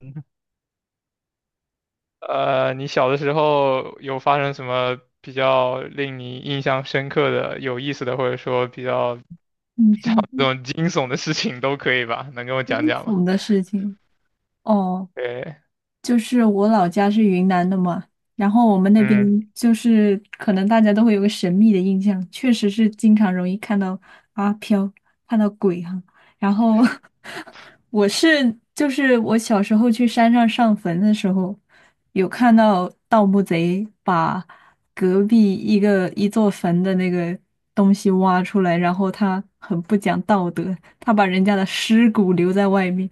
你小的时候有发生什么比较令你印象深刻的、有意思的，或者说比较你上这次种惊悚的事情都可以吧？能跟我讲清讲吗？楚的事情。哦，对，就是我老家是云南的嘛，然后我们那边嗯。就是可能大家都会有个神秘的印象，确实是经常容易看到阿飘，看到鬼哈、然后 就是我小时候去山上上坟的时候，有看到盗墓贼把隔壁一座坟的那个东西挖出来，然后他很不讲道德，他把人家的尸骨留在外面，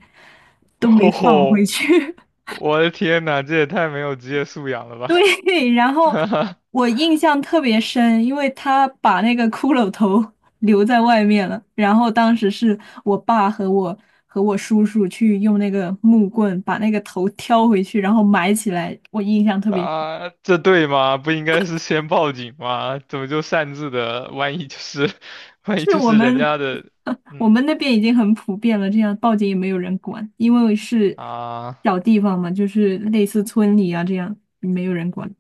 都没放哦，回去。我的天呐，这也太没有职业素养了吧！对，然 后哈哈我印象特别深，因为他把那个骷髅头 留在外面了。然后当时是我爸和我和我叔叔去用那个木棍把那个头挑回去，然后埋起来。我印象特别深啊，这对吗？不应该是先报警吗？怎么就擅自的？万一就是，万一是就我是人们 家的，我嗯们那边已经很普遍了，这样报警也没有人管，因为是啊。小地方嘛，就是类似村里啊这样，没有人管。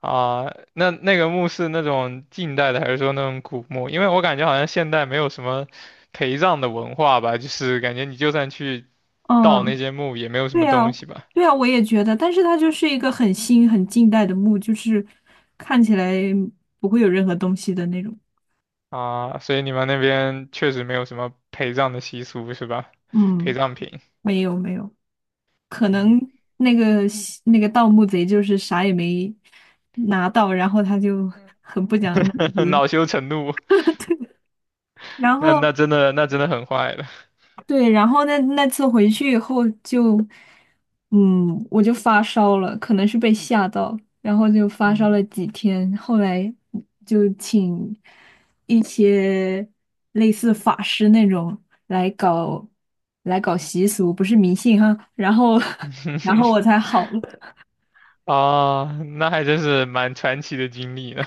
啊，那个墓是那种近代的，还是说那种古墓？因为我感觉好像现代没有什么陪葬的文化吧，就是感觉你就算去盗那嗯，些墓，也没有什对么啊，东西吧。对啊，我也觉得，但是它就是一个很新、很近代的墓，就是看起来不会有任何东西的那种。啊，所以你们那边确实没有什么陪葬的习俗是吧？陪嗯，葬品，没有没有，可能嗯。那个西那个盗墓贼就是啥也没拿到，然后他就很不讲武德，恼羞成怒，然那那后真的那真的很坏了。对，然后那那次回去以后就，嗯，我就发烧了，可能是被吓到，然后就发烧嗯了几天，后来就请一些类似法师那种来搞来搞习俗，不是迷信哈，然后 然后我才好了。啊，那还真是蛮传奇的经历呢。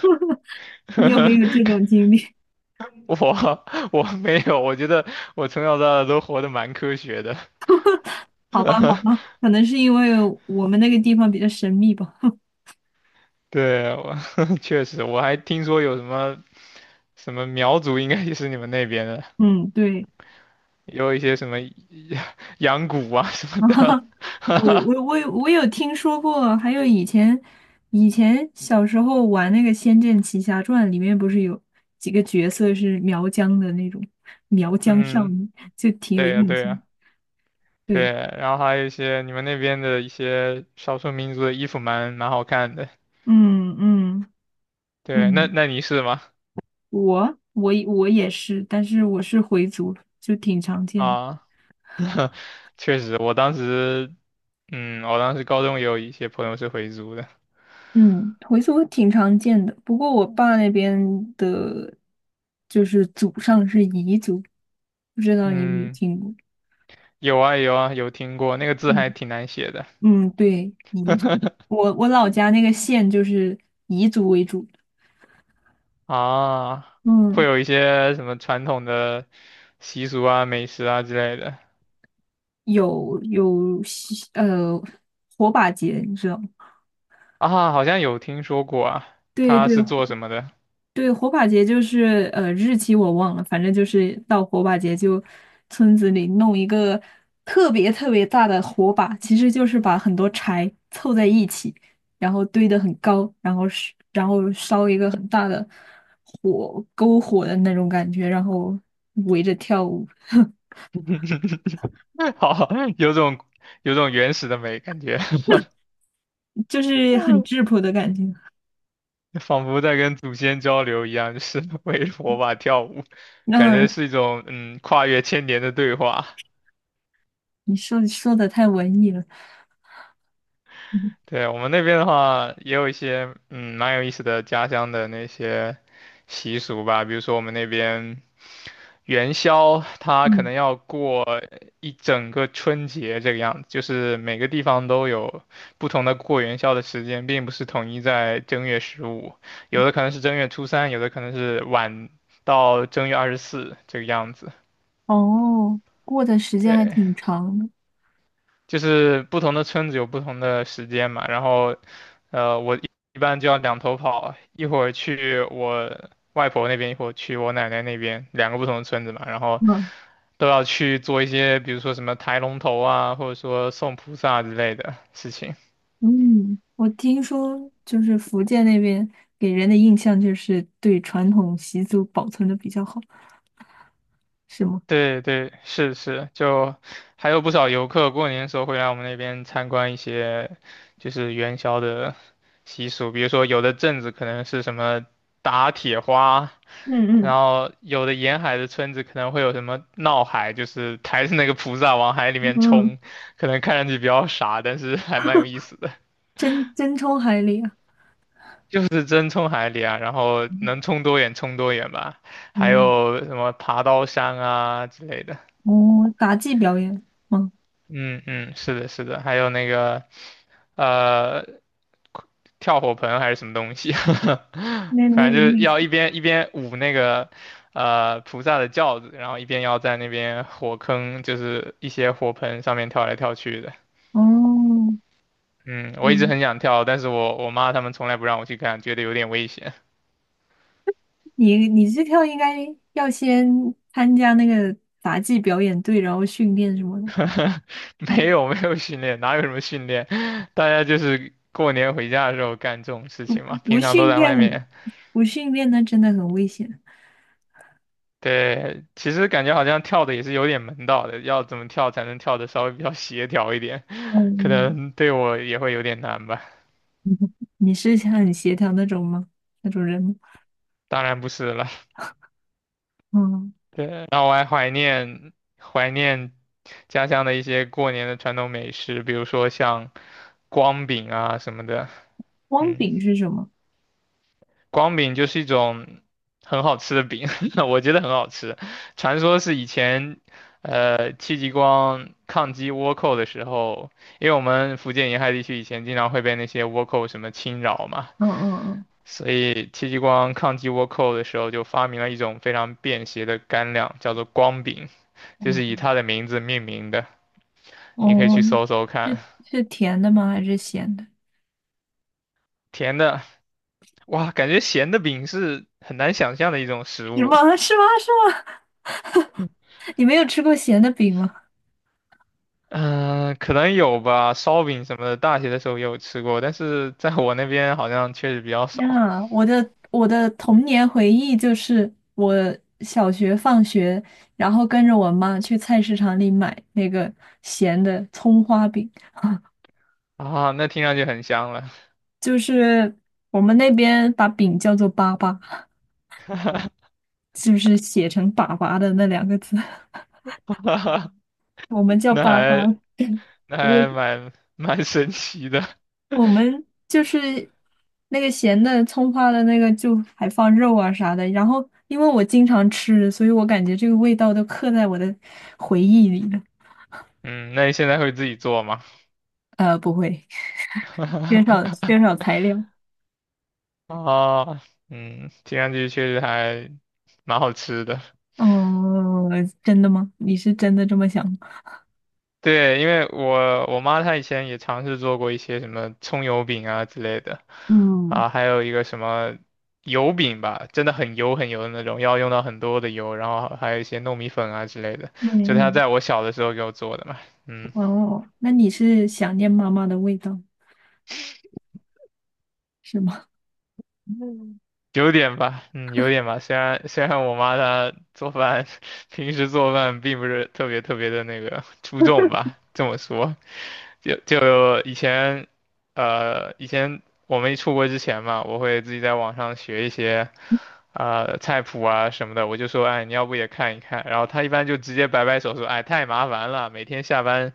你有没有这 种经历？我我没有，我觉得我从小到大都活得蛮科学的。好吧，好吧，可能是因为我们那个地方比较神秘吧。对，我 确实，我还听说有什么什么苗族，应该也是你们那边的，嗯，对。也有一些什么 羊骨啊什 么哈的。哈，我我我 有我有听说过，还有以前小时候玩那个《仙剑奇侠传》，里面不是有几个角色是苗疆的那种苗疆少嗯，女，就挺有对呀，印对象。呀，对。对，然后还有一些你们那边的一些少数民族的衣服蛮好看的。嗯嗯。对，那嗯，那你是吗？我也是，但是我是回族，就挺常见的。啊，确实，我当时，嗯，我当时高中也有一些朋友是回族的。嗯，回族挺常见的，不过我爸那边的，就是祖上是彝族，不知道你有没有嗯。听过？有啊有啊，有听过，那个字还嗯。挺难写的。 嗯，对，彝族，我我老家那个县就是彝族为主，啊，会嗯，有一些什么传统的习俗啊、美食啊之类的。有火把节，你知道吗？啊，好像有听说过啊，对他对，是做什么的？对，火把节就是日期我忘了，反正就是到火把节就村子里弄一个特别特别大的火把，其实就是把很多柴凑在一起，然后堆得很高，然后烧一个很大的篝火的那种感觉，然后围着跳舞，好，有种有种原始的美感觉。就是很质 朴的感觉。仿佛在跟祖先交流一样，就是 围着火把跳舞，感觉那是一种跨越千年的对话。你说说的太文艺了，嗯对，我们那边的话，也有一些蛮有意思的家乡的那些习俗吧，比如说我们那边元宵，它可嗯，能要过一整个春节这个样子，就是每个地方都有不同的过元宵的时间，并不是统一在正月十五，有的可能是正月初三，有的可能是晚到正月二十四这个样子。哦，过的时间还对，挺长的。就是不同的村子有不同的时间嘛，然后我一般就要两头跑，一会儿去我外婆那边，一会儿去我奶奶那边，两个不同的村子嘛，然后嗯都要去做一些，比如说什么抬龙头啊，或者说送菩萨之类的事情。嗯，我听说就是福建那边给人的印象就是对传统习俗保存的比较好，是吗？对对，是是，就还有不少游客过年的时候会来我们那边参观一些，就是元宵的习俗，比如说有的镇子可能是什么打铁花，嗯然后有的沿海的村子可能会有什么闹海，就是抬着那个菩萨往海里嗯面嗯，冲，可能看上去比较傻，但是 还蛮有意思的，真真冲海里啊！就是真冲海里啊，然后嗯能冲多远冲多远吧，还嗯，有什么爬刀山啊之类的。哦，杂技表演吗？嗯嗯，是的，是的，还有那个呃，跳火盆还是什么东西。那 那反正个就是意思。要一边舞那个菩萨的轿子，然后一边要在那边火坑，就是一些火盆上面跳来跳去的。哦，嗯，我一直嗯，很想跳，但是我妈他们从来不让我去看，觉得有点危险。你你这跳应该要先参加那个杂技表演队，然后训练什么的。没哦，有没有训练，哪有什么训练？大家就是过年回家的时候干这种事情嘛，不平常都训在外练，面不训练那真的很危险。对，感觉好像跳的也是有点门道的，要怎么跳才能跳的稍微比较协调一点。可嗯，能对我也会有点难吧。你是很协调那种吗？那种人吗？当然不是了，嗯，对，然后我还怀念家乡的一些过年的传统美食，比如说像光饼啊什么的，光嗯。饼是什么？光饼就是一种很好吃的饼。我觉得很好吃。传说是以前，戚继光抗击倭寇的时候，因为我们福建沿海地区以前经常会被那些倭寇什么侵扰嘛，嗯嗯所以戚继光抗击倭寇的时候就发明了一种非常便携的干粮，叫做光饼，就嗯是以嗯，它的名字命名的。你可以哦，去嗯，搜搜看，是是甜的吗？还是咸的？甜的，哇，感觉咸的饼是很难想象的一种食是物。吗？是吗？是吗？你没有吃过咸的饼吗？嗯、可能有吧，烧饼什么的，大学的时候也有吃过，但是在我那边好像确实比较天少啊，我的我的童年回忆就是我小学放学，然后跟着我妈去菜市场里买那个咸的葱花饼，啊。那听上去很香了。就是我们那边把饼叫做粑粑，就是写成粑粑的那两个字。我们叫那粑还粑，那我还蛮神奇的。我们就是那个咸的葱花的那个，就还放肉啊啥的。然后因为我经常吃，所以我感觉这个味道都刻在我的回忆里了。嗯，那你现在会自己做吗？不会，缺少 材料。啊，嗯，听上去确实还蛮好吃的。嗯，真的吗？你是真的这么想吗？对，因为我妈她以前也尝试做过一些什么葱油饼啊之类的，嗯啊，还有一个什么油饼吧，真的很油很油的那种，要用到很多的油，然后还有一些糯米粉啊之类的，就她嗯，在我小的时候给我做的嘛，嗯。哦，那你是想念妈妈的味道是吗？有点吧，嗯，有点吧。虽然我妈她做饭，平时做饭并不是特别特别的那个出众吧，这么说，就以前，以前我没出国之前嘛，我会自己在网上学一些，菜谱啊什么的。我就说，哎，你要不也看一看？然后她一般就直接摆摆手说，哎，太麻烦了，每天下班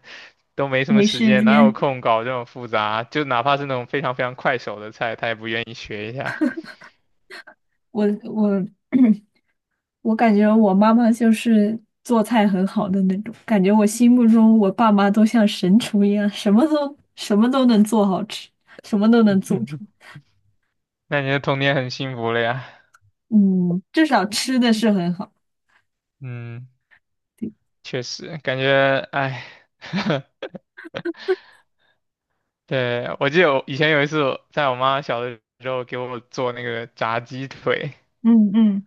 都没什么没时时间，哪有间，空搞这种复杂？就哪怕是那种非常非常快手的菜，她也不愿意学一下。我我我感觉我妈妈就是做菜很好的那种，感觉我心目中我爸妈都像神厨一样，什么都能做好吃，什么都能做出。那你的童年很幸福了呀。嗯，至少吃的是很好。嗯，对，确实，感觉，哎。对，我记得我以前有一次我在我妈小的时候给我做那个炸鸡腿，嗯嗯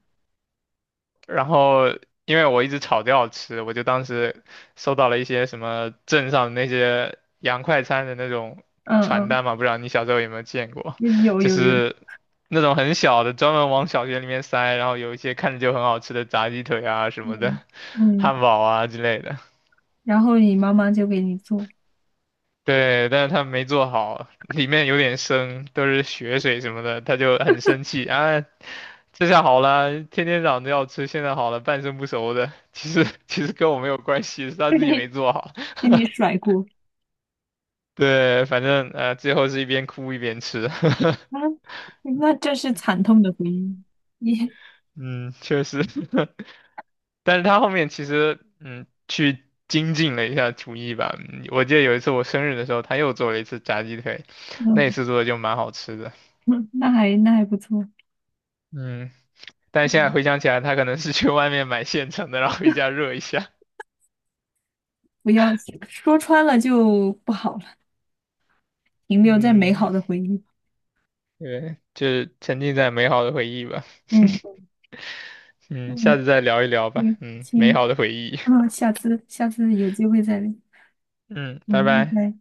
然后因为我一直吵着要吃，我就当时收到了一些什么镇上的那些洋快餐的那种传嗯单嘛，不知道你小时候有没有见过，嗯，有就有有，是那种很小的，专门往小学里面塞，然后有一些看着就很好吃的炸鸡腿啊什么嗯，的。嗯，汉堡啊之类的。然后你妈妈就给你做，对，但是他没做好，里面有点生，都是血水什么的，他就很生气啊。这下好了，天天嚷着要吃，现在好了，半生不熟的，其实跟我没有关系，是 他给自己没你做好。给你甩锅，对，反正最后是一边哭一边吃。啊，那这是惨痛的回忆。你，嗯，确实。但是他后面其实去精进了一下厨艺吧。嗯我记得有一次我生日的时候，他又做了一次炸鸡腿，那一嗯，次做的就蛮好吃的。嗯那还那还不错，嗯，但现在嗯，回想起来，他可能是去外面买现成的，然后回家热一下。不要说穿了就不好。了。停留在美嗯，好的回忆。对，就是沉浸在美好的回忆吧。嗯。嗯，下嗯，次再聊一聊吧。对，嗯，美好行，的回忆。啊，下次下次有机会再聊。嗯，拜嗯，拜拜。拜。